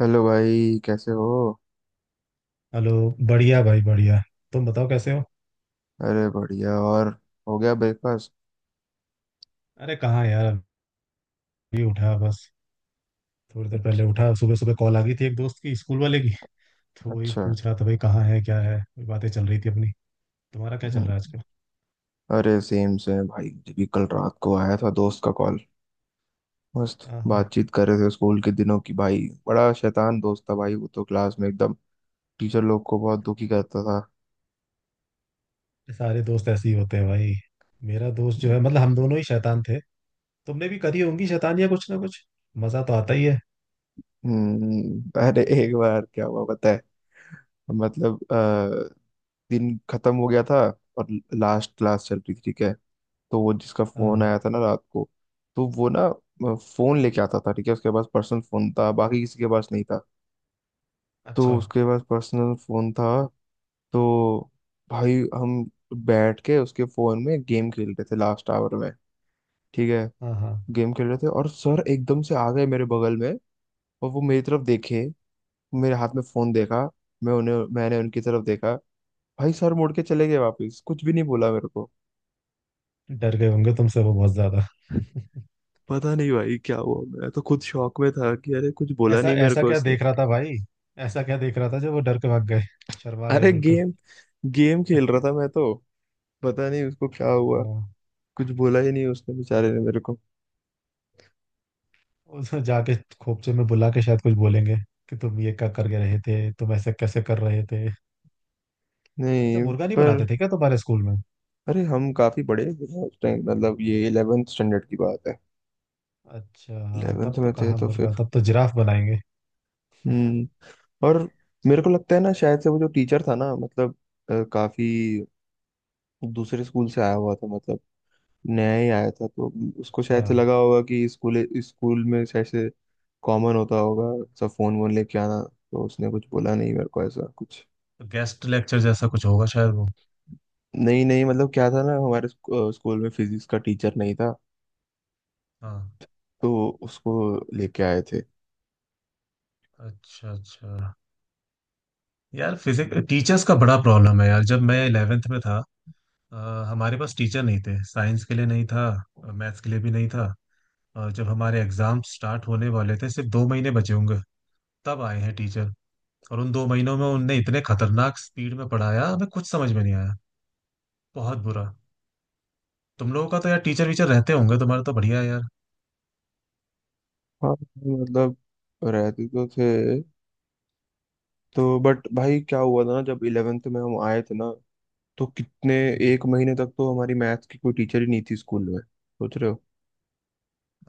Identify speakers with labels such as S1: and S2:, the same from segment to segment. S1: Hello भाई, कैसे हो।
S2: हेलो। बढ़िया भाई बढ़िया। तुम बताओ कैसे हो।
S1: अरे, बढ़िया। और हो गया ब्रेकफास्ट?
S2: अरे कहाँ यार, अभी उठा बस। थोड़ी देर
S1: अच्छा।
S2: पहले उठा, सुबह सुबह कॉल आ गई थी एक दोस्त की, स्कूल वाले की। तो वही
S1: अच्छा,
S2: पूछ रहा था भाई कहाँ है क्या है, वही बातें चल रही थी अपनी। तुम्हारा क्या चल
S1: हम्म,
S2: रहा है आजकल।
S1: अरे सेम से भाई, मुझे भी कल रात को आया था दोस्त का कॉल। मस्त।
S2: हाँ हाँ।
S1: बातचीत कर रहे थे स्कूल के दिनों की भाई। बड़ा शैतान दोस्त था भाई, वो तो क्लास में एकदम टीचर लोग को बहुत दुखी करता
S2: सारे दोस्त ऐसे ही होते हैं भाई। मेरा दोस्त जो
S1: था।
S2: है मतलब हम दोनों ही शैतान थे। तुमने भी करी होंगी शैतान या कुछ ना कुछ, मजा तो आता ही है।
S1: अरे, एक बार क्या हुआ पता है। मतलब दिन खत्म हो गया था और लास्ट क्लास चल रही थी। ठीक है, तो वो जिसका फोन
S2: हाँ।
S1: आया था ना रात को, तो वो ना फोन लेके आता था। ठीक है, उसके पास पर्सनल फोन था, बाकी किसी के पास नहीं था। तो
S2: अच्छा।
S1: उसके पास पर्सनल फोन था तो भाई हम बैठ के उसके फोन में गेम खेल रहे थे लास्ट आवर में। ठीक है,
S2: हाँ हाँ।
S1: गेम खेल रहे थे और सर एकदम से आ गए मेरे बगल में। और वो मेरी तरफ देखे, मेरे हाथ में फोन देखा। मैंने उनकी तरफ देखा। भाई सर मुड़ के चले गए वापस, कुछ भी नहीं बोला मेरे को।
S2: डर गए होंगे तुमसे वो बहुत ज्यादा।
S1: पता नहीं भाई क्या हुआ, मैं तो खुद शॉक में था कि अरे कुछ बोला
S2: ऐसा
S1: नहीं मेरे
S2: ऐसा
S1: को
S2: क्या
S1: उसने।
S2: देख रहा था भाई, ऐसा क्या देख रहा था जो वो डर के भाग गए, शर्मा गए
S1: अरे
S2: बिल्कुल।
S1: गेम गेम खेल रहा था मैं तो, पता नहीं उसको क्या हुआ।
S2: हाँ।
S1: कुछ बोला ही नहीं उसने बेचारे ने मेरे को।
S2: उसमें जाके खोपचे में बुला के शायद कुछ बोलेंगे कि तुम ये क्या करके रहे थे, तुम ऐसे कैसे कर रहे थे। अच्छा
S1: नहीं।
S2: मुर्गा नहीं
S1: पर
S2: बनाते थे क्या तुम्हारे स्कूल में।
S1: अरे, हम काफी बड़े भी हैं उस टाइम, मतलब ये इलेवेंथ स्टैंडर्ड की बात है।
S2: अच्छा हाँ
S1: इलेवेंथ
S2: तब तो
S1: में थे
S2: कहाँ
S1: तो
S2: मुर्गा,
S1: फिर।
S2: तब तो जिराफ बनाएंगे।
S1: हम्म और मेरे को लगता है ना शायद से वो जो टीचर था ना, मतलब काफी दूसरे स्कूल से आया हुआ था, मतलब नया ही आया था, तो उसको
S2: अच्छा।
S1: शायद से लगा होगा कि स्कूल स्कूल में शायद से कॉमन होता होगा सब फोन वोन लेके आना। तो उसने कुछ बोला नहीं मेरे को ऐसा कुछ।
S2: तो गेस्ट लेक्चर जैसा कुछ होगा शायद वो।
S1: नहीं नहीं, मतलब क्या था ना, हमारे स्कूल में फिजिक्स का टीचर नहीं था,
S2: हाँ।
S1: तो उसको लेके आए थे।
S2: अच्छा अच्छा। यार फिजिक्स टीचर्स का बड़ा प्रॉब्लम है यार, जब मैं इलेवेंथ में था अ, हमारे पास टीचर नहीं थे, साइंस के लिए नहीं था, मैथ्स के लिए भी नहीं था। और जब हमारे एग्जाम स्टार्ट होने वाले थे सिर्फ दो महीने बचे होंगे, तब आए हैं टीचर। और उन दो महीनों में उनने इतने खतरनाक स्पीड में पढ़ाया, हमें कुछ समझ में नहीं आया। बहुत बुरा। तुम लोगों का तो यार टीचर वीचर रहते होंगे, तुम्हारा तो बढ़िया है यार।
S1: हाँ, मतलब रहते तो थे। तो बट भाई, क्या हुआ था ना, जब इलेवेंथ में हम आए थे ना, तो कितने
S2: हम्म।
S1: एक महीने तक तो हमारी मैथ्स की कोई टीचर ही नहीं थी स्कूल में, सोच रहे हो।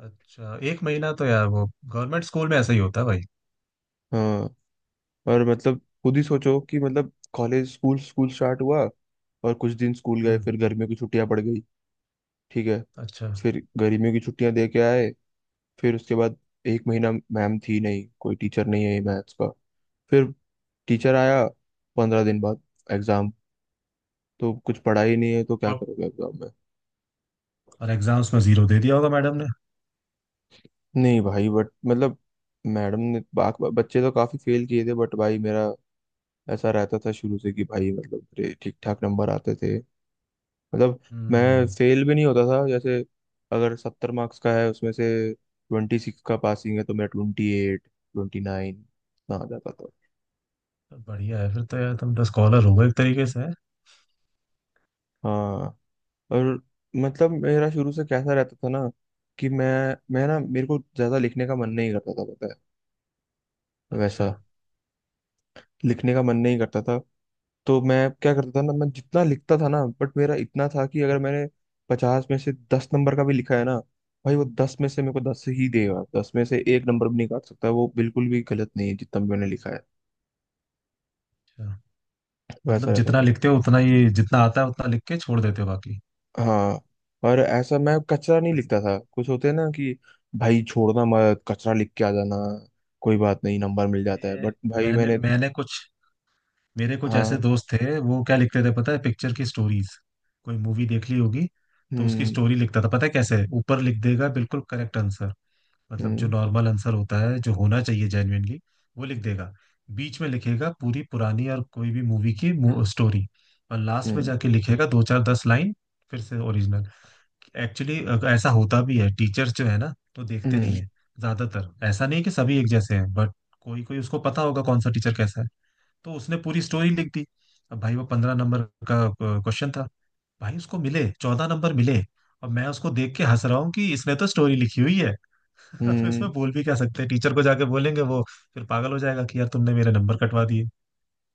S2: अच्छा एक महीना तो यार वो, गवर्नमेंट स्कूल में ऐसा ही होता है भाई।
S1: हाँ। और मतलब खुद ही सोचो कि मतलब कॉलेज स्कूल स्कूल स्टार्ट हुआ, और कुछ दिन स्कूल गए
S2: हम्म।
S1: फिर गर्मियों की छुट्टियां पड़ गई। ठीक है,
S2: अच्छा।
S1: फिर गर्मियों की छुट्टियां दे के आए, फिर उसके बाद एक महीना मैम थी नहीं, कोई टीचर नहीं है मैथ्स का। फिर टीचर आया 15 दिन बाद एग्जाम। तो कुछ पढ़ा ही नहीं है तो क्या
S2: और,
S1: करोगे एग्जाम में।
S2: और एग्जाम्स में जीरो दे दिया होगा मैडम ने।
S1: नहीं भाई, बट मतलब मैडम ने बाक बच्चे तो काफी फेल किए थे, बट भाई मेरा ऐसा रहता था शुरू से कि भाई मतलब मेरे ठीक ठाक नंबर आते थे। मतलब मैं
S2: हम्म।
S1: फेल भी नहीं होता था। जैसे अगर 70 मार्क्स का है उसमें से 26 का पासिंग है तो मैं 28, 29 आ जाता था।
S2: तो बढ़िया है फिर तो यार, तुम तो स्कॉलर हो गए एक तरीके से, हैं?
S1: हाँ। और मतलब मेरा शुरू से कैसा रहता था ना कि मैं ना मेरे को ज्यादा लिखने का मन नहीं करता था, पता है
S2: अच्छा
S1: वैसा। लिखने का मन नहीं करता था, तो मैं क्या करता था ना, मैं जितना लिखता था ना, बट मेरा इतना था कि अगर मैंने 50 में से 10 नंबर का भी लिखा है ना, भाई वो 10 में से मेरे को 10 ही देगा, 10 में से एक नंबर भी नहीं काट सकता, वो बिल्कुल भी गलत नहीं है जितना भी मैंने लिखा है।
S2: अच्छा।
S1: वैसा
S2: मतलब
S1: रहता
S2: जितना
S1: था।
S2: लिखते हो उतना ही, जितना आता है उतना लिख के छोड़ देते हो बाकी।
S1: हाँ। और ऐसा मैं कचरा नहीं
S2: सही
S1: लिखता था, कुछ होते हैं ना कि भाई छोड़ना मत कचरा लिख के आ जाना, कोई बात नहीं नंबर मिल
S2: है।
S1: जाता है,
S2: ये
S1: बट भाई
S2: मैंने
S1: मैंने।
S2: मैंने कुछ, मेरे कुछ ऐसे
S1: हाँ।
S2: दोस्त थे वो क्या लिखते थे पता है, पिक्चर की स्टोरीज। कोई मूवी देख ली होगी तो उसकी
S1: हम्म।
S2: स्टोरी लिखता था, पता है कैसे, ऊपर लिख देगा बिल्कुल करेक्ट आंसर। मतलब जो
S1: हम्म।
S2: नॉर्मल आंसर होता है जो होना चाहिए जेन्युइनली, वो लिख देगा। बीच में लिखेगा पूरी पुरानी और कोई भी मूवी की स्टोरी। और लास्ट में
S1: हम्म।
S2: जाके लिखेगा दो चार दस लाइन फिर से ओरिजिनल। एक्चुअली ऐसा होता भी है, टीचर्स जो है ना तो देखते नहीं
S1: हम्म।
S2: है ज्यादातर। ऐसा नहीं है कि सभी एक जैसे हैं बट कोई कोई, उसको पता होगा कौन सा टीचर कैसा है, तो उसने पूरी स्टोरी लिख दी। अब भाई वो पंद्रह नंबर का क्वेश्चन था, भाई उसको मिले चौदह नंबर मिले। और मैं उसको देख के हंस रहा हूँ कि इसने तो स्टोरी लिखी हुई है। अब इसमें
S1: हम्म।
S2: बोल भी क्या सकते हैं, टीचर को जाके बोलेंगे वो फिर पागल हो जाएगा कि यार तुमने मेरे नंबर कटवा दिए।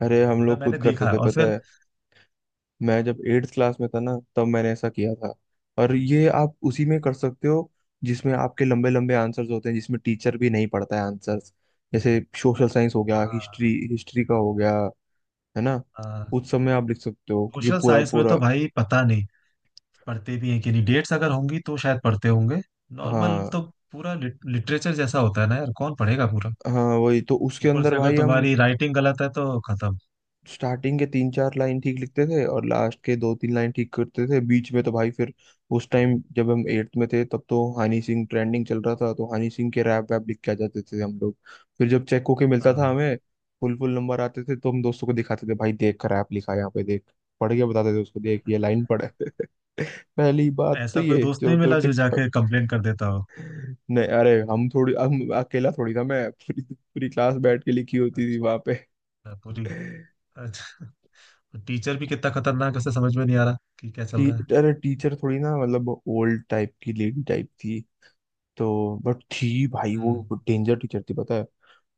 S1: अरे, हम
S2: मगर
S1: लोग खुद
S2: मैंने
S1: करते
S2: देखा
S1: थे
S2: और
S1: पता
S2: फिर,
S1: है। मैं जब एट्थ क्लास में था ना तब मैंने ऐसा किया था। और ये आप उसी में कर सकते हो जिसमें आपके लंबे लंबे आंसर्स होते हैं, जिसमें टीचर भी नहीं पढ़ता है आंसर्स। जैसे सोशल साइंस हो गया, हिस्ट्री, हिस्ट्री का हो गया, है ना। उस सब में आप लिख सकते हो क्योंकि
S2: सोशल
S1: पूरा
S2: साइंस में
S1: पूरा।
S2: तो भाई पता नहीं पढ़ते भी हैं कि नहीं, डेट्स अगर होंगी तो शायद पढ़ते होंगे। नॉर्मल
S1: हाँ,
S2: तो पूरा लिटरेचर जैसा होता है ना यार, कौन पढ़ेगा पूरा।
S1: हाँ, वही तो उसके
S2: ऊपर
S1: अंदर
S2: से अगर
S1: भाई हम
S2: तुम्हारी राइटिंग गलत है तो खत्म।
S1: स्टार्टिंग के तीन चार लाइन ठीक लिखते थे और लास्ट के दो तीन लाइन ठीक करते थे। बीच में तो भाई फिर उस टाइम जब हम एट्थ में थे, तब तो हनी सिंह ट्रेंडिंग चल रहा था, तो हनी सिंह के रैप वैप लिख के आ जाते थे हम लोग। फिर जब चेक होके मिलता था
S2: हाँ।
S1: हमें फुल फुल नंबर आते थे, तो हम दोस्तों को दिखाते थे, भाई देख रैप लिखा है यहाँ पे, देख, पढ़ के बताते थे उसको, देख ये लाइन पढ़े। पहली बात तो
S2: ऐसा कोई
S1: ये
S2: दोस्त
S1: जो
S2: नहीं
S1: तो
S2: मिला जो जाके
S1: टिकटॉक।
S2: कंप्लेन कर देता हो।
S1: नहीं, अरे हम अकेला थोड़ी था मैं, पूरी पूरी क्लास बैठ के लिखी होती थी वहां पे।
S2: अच्छा पूरी। अच्छा। टीचर भी कितना खतरनाक है, उसे समझ में नहीं आ रहा कि क्या चल
S1: टी,
S2: रहा है।
S1: अरे टीचर थोड़ी ना, मतलब ओल्ड टाइप की लेडी टाइप थी, तो बट थी भाई वो
S2: हम्म।
S1: डेंजर टीचर थी पता है।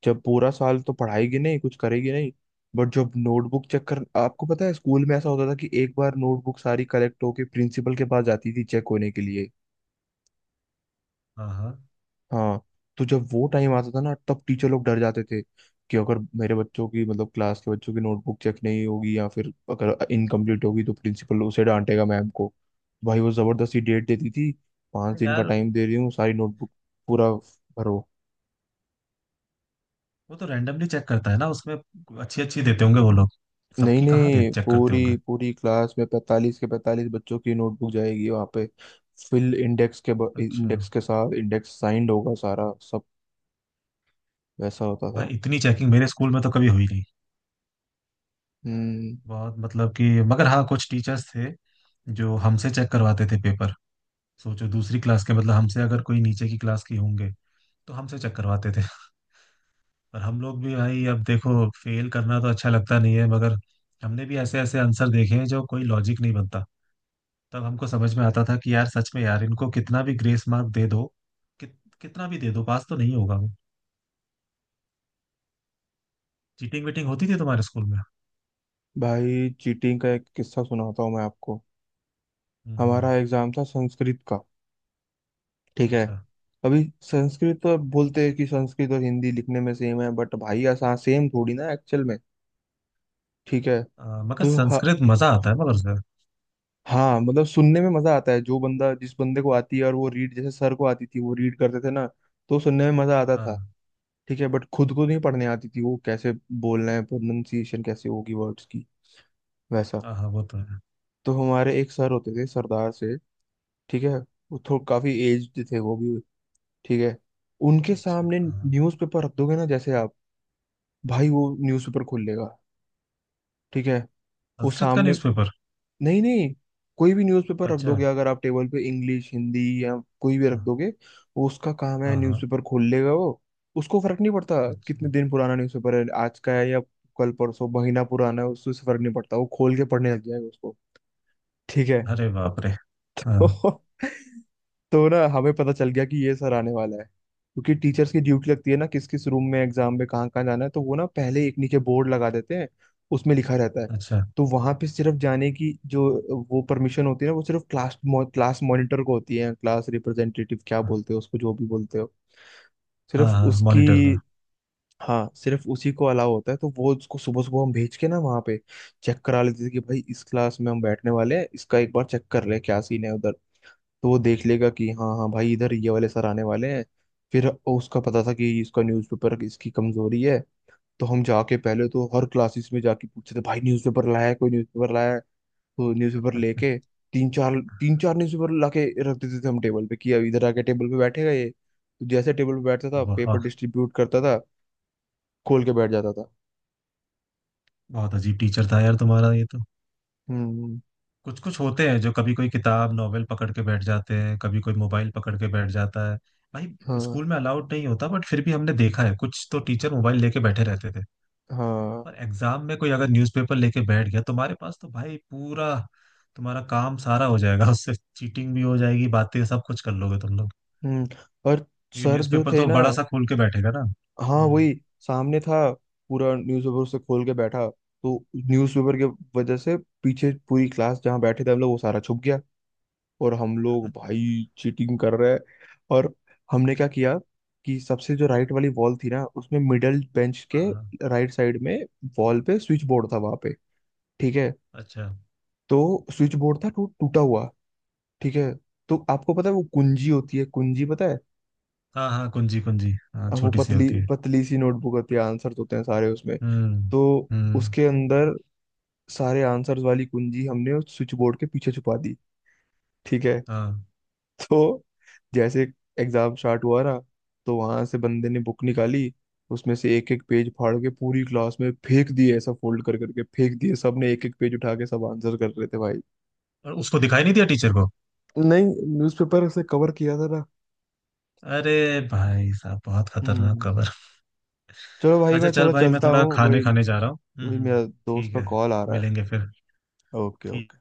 S1: जब पूरा साल तो पढ़ाएगी नहीं, कुछ करेगी नहीं, बट जब नोटबुक चेक कर आपको पता है स्कूल में ऐसा होता था कि एक बार नोटबुक सारी कलेक्ट होके प्रिंसिपल के पास जाती थी चेक होने के लिए।
S2: हाँ हाँ।
S1: हाँ। तो जब वो टाइम आता था ना तब टीचर लोग डर जाते थे कि अगर मेरे बच्चों की मतलब क्लास के बच्चों की नोटबुक चेक नहीं होगी, या फिर अगर इनकम्प्लीट होगी तो प्रिंसिपल उसे डांटेगा मैम को। भाई, वो जबरदस्ती डेट देती थी, 5
S2: अरे
S1: दिन का
S2: यार।
S1: टाइम दे रही हूँ, सारी नोटबुक
S2: वो,
S1: पूरा भरो।
S2: वो तो रैंडमली चेक करता है ना, उसमें अच्छी अच्छी देते होंगे वो लोग।
S1: नहीं
S2: सबकी कहाँ दे
S1: नहीं,
S2: चेक करते
S1: पूरी
S2: होंगे।
S1: पूरी क्लास में 45 के 45 बच्चों की नोटबुक जाएगी वहाँ पे। फिल इंडेक्स के,
S2: अच्छा।
S1: इंडेक्स के साथ, इंडेक्स साइंड होगा सारा सब। वैसा होता था।
S2: भाई इतनी चेकिंग मेरे स्कूल में तो कभी हुई नहीं।
S1: हम्म
S2: बहुत मतलब कि, मगर हाँ कुछ टीचर्स थे जो हमसे चेक करवाते थे पेपर। सोचो दूसरी क्लास के, मतलब हमसे अगर कोई नीचे की क्लास की होंगे तो हमसे चेक करवाते थे। और हम लोग भी भाई, अब देखो फेल करना तो अच्छा लगता नहीं है, मगर हमने भी ऐसे ऐसे आंसर देखे हैं जो कोई लॉजिक नहीं बनता। तब हमको समझ में आता था कि यार सच में यार इनको कितना भी ग्रेस मार्क दे दो, कितना भी दे दो पास तो नहीं होगा वो। चीटिंग वीटिंग होती थी तुम्हारे स्कूल में।
S1: भाई चीटिंग का एक किस्सा सुनाता हूँ मैं आपको।
S2: हम्म।
S1: हमारा एग्जाम था संस्कृत का। ठीक है,
S2: अच्छा।
S1: अभी संस्कृत तो बोलते हैं कि संस्कृत और हिंदी लिखने में सेम है, बट भाई आसान सेम थोड़ी ना एक्चुअल में। ठीक है,
S2: मगर
S1: तो हाँ।
S2: संस्कृत मजा आता है मगर सर।
S1: हाँ, मतलब सुनने में मजा आता है, जो बंदा जिस बंदे को आती है, और वो रीड जैसे सर को आती थी, वो रीड करते थे ना, तो सुनने में मजा आता था।
S2: हाँ।
S1: ठीक है, बट खुद को नहीं पढ़ने आती थी, वो कैसे बोलना है, प्रोनाउंसिएशन कैसे होगी वर्ड्स की, वैसा।
S2: हाँ हाँ वो तो है।
S1: तो हमारे एक सर होते थे सरदार से। ठीक है, वो थोड़ा काफी एज्ड थे वो भी। ठीक है, उनके
S2: अच्छा
S1: सामने
S2: हाँ।
S1: न्यूज़पेपर रख दोगे ना जैसे आप, भाई वो न्यूज़पेपर खोल लेगा। ठीक है, वो
S2: संस्कृत का
S1: सामने।
S2: न्यूज़पेपर।
S1: नहीं नहीं, कोई भी न्यूज़पेपर रख
S2: अच्छा।
S1: दोगे, अगर आप टेबल पे इंग्लिश, हिंदी या कोई भी रख
S2: हाँ
S1: दोगे, वो उसका काम है
S2: हाँ हाँ।
S1: न्यूज़पेपर खोल लेगा वो। उसको फर्क नहीं पड़ता
S2: अच्छा।
S1: कितने दिन पुराना न्यूज़पेपर है, आज का है या कल परसों महीना पुराना है, उससे फर्क नहीं पड़ता, वो खोल के पढ़ने लग जाएगा उसको। ठीक है।
S2: अरे बाप रे। हाँ।
S1: तो ना हमें पता चल गया कि ये सर आने वाला है, क्योंकि टीचर्स की ड्यूटी लगती है ना किस किस रूम में एग्जाम में कहाँ कहाँ जाना है, तो वो ना पहले एक नीचे बोर्ड लगा देते हैं, उसमें लिखा रहता है।
S2: अच्छा।
S1: तो वहां पे सिर्फ जाने की जो वो परमिशन होती है ना, वो सिर्फ क्लास क्लास मॉनिटर को होती है, क्लास रिप्रेजेंटेटिव क्या बोलते हो उसको, जो भी बोलते हो,
S2: हाँ
S1: सिर्फ
S2: हाँ
S1: उसकी।
S2: मॉनिटर का।
S1: हाँ, सिर्फ उसी को अलाउ होता है, तो वो उसको सुबह सुबह हम भेज के ना वहाँ पे चेक करा लेते थे कि भाई इस क्लास में हम बैठने वाले हैं, इसका एक बार चेक कर ले क्या सीन है उधर। तो वो देख लेगा कि हाँ हाँ भाई इधर ये वाले सर आने वाले हैं। फिर उसका पता था कि इसका न्यूज़पेपर इसकी कमजोरी है। तो हम जाके पहले तो हर क्लासेस में जाके पूछते थे, भाई न्यूज़पेपर लाया है, कोई न्यूज़पेपर लाया है। तो न्यूज़पेपर लेके तीन चार तीन चार न्यूज़पेपर लाके रख देते थे हम टेबल पे कि अब इधर आके टेबल पे बैठेगा ये, तो जैसे टेबल पे बैठता था पेपर
S2: वाह।
S1: डिस्ट्रीब्यूट करता था, खोल के बैठ जाता था।
S2: बहुत अजीब टीचर था यार तुम्हारा ये तो।
S1: हम्म। हम्म।
S2: कुछ कुछ होते हैं जो कभी कोई किताब नॉवेल पकड़ के बैठ जाते हैं, कभी कोई मोबाइल पकड़ के बैठ जाता है। भाई
S1: हाँ।
S2: स्कूल में अलाउड नहीं होता, बट फिर भी हमने देखा है कुछ तो टीचर मोबाइल लेके बैठे रहते थे।
S1: हाँ।
S2: पर एग्जाम में कोई अगर न्यूज़पेपर लेके बैठ गया तुम्हारे पास तो भाई पूरा, तुम्हारा काम सारा हो जाएगा उससे, चीटिंग भी हो जाएगी बातें सब कुछ कर लोगे तुम लोग।
S1: हम्म। और
S2: क्योंकि
S1: सर जो
S2: न्यूज़पेपर
S1: थे
S2: तो
S1: ना,
S2: बड़ा सा खोल के बैठेगा ना।
S1: हाँ
S2: हम्म।
S1: वही, सामने था पूरा न्यूज़पेपर उसे खोल के बैठा, तो न्यूज़पेपर के वजह से पीछे पूरी क्लास जहाँ बैठे थे हम लोग वो सारा छुप गया। और हम लोग भाई चीटिंग कर रहे हैं। और हमने क्या किया कि सबसे जो राइट वाली वॉल थी ना उसमें मिडल बेंच के
S2: हाँ हाँ।
S1: राइट साइड में वॉल पे स्विच बोर्ड था वहां पे। ठीक है,
S2: अच्छा।
S1: तो स्विच बोर्ड था टूटा हुआ। ठीक है, तो आपको पता है वो कुंजी होती है, कुंजी पता है,
S2: हाँ हाँ कुंजी कुंजी हाँ
S1: अब वो
S2: छोटी सी
S1: पतली
S2: होती है।
S1: पतली सी नोटबुक होती है, आंसर्स होते हैं सारे उसमें।
S2: हम्म।
S1: तो
S2: हम्म।
S1: उसके अंदर सारे आंसर्स वाली कुंजी हमने उस स्विच बोर्ड के पीछे छुपा दी। ठीक है।
S2: हाँ।
S1: तो जैसे एग्जाम स्टार्ट हुआ ना, तो वहां से बंदे ने बुक निकाली, उसमें से एक एक पेज फाड़ के पूरी क्लास में फेंक दिए, ऐसा फोल्ड कर करके फेंक दिए, सबने एक एक पेज उठा के सब आंसर कर रहे थे भाई।
S2: और उसको दिखाई नहीं दिया टीचर को।
S1: तो नहीं, न्यूज़पेपर से कवर किया था ना।
S2: अरे भाई साहब बहुत खतरनाक
S1: हम्म
S2: खबर।
S1: चलो भाई
S2: अच्छा
S1: मैं
S2: चल
S1: थोड़ा
S2: भाई मैं
S1: चलता
S2: थोड़ा
S1: हूँ, वही
S2: खाने खाने जा रहा हूँ।
S1: वही
S2: हम्म।
S1: मेरा दोस्त
S2: ठीक
S1: का
S2: है।
S1: कॉल आ रहा है।
S2: मिलेंगे फिर।
S1: ओके,
S2: ठीक
S1: ओके।
S2: है।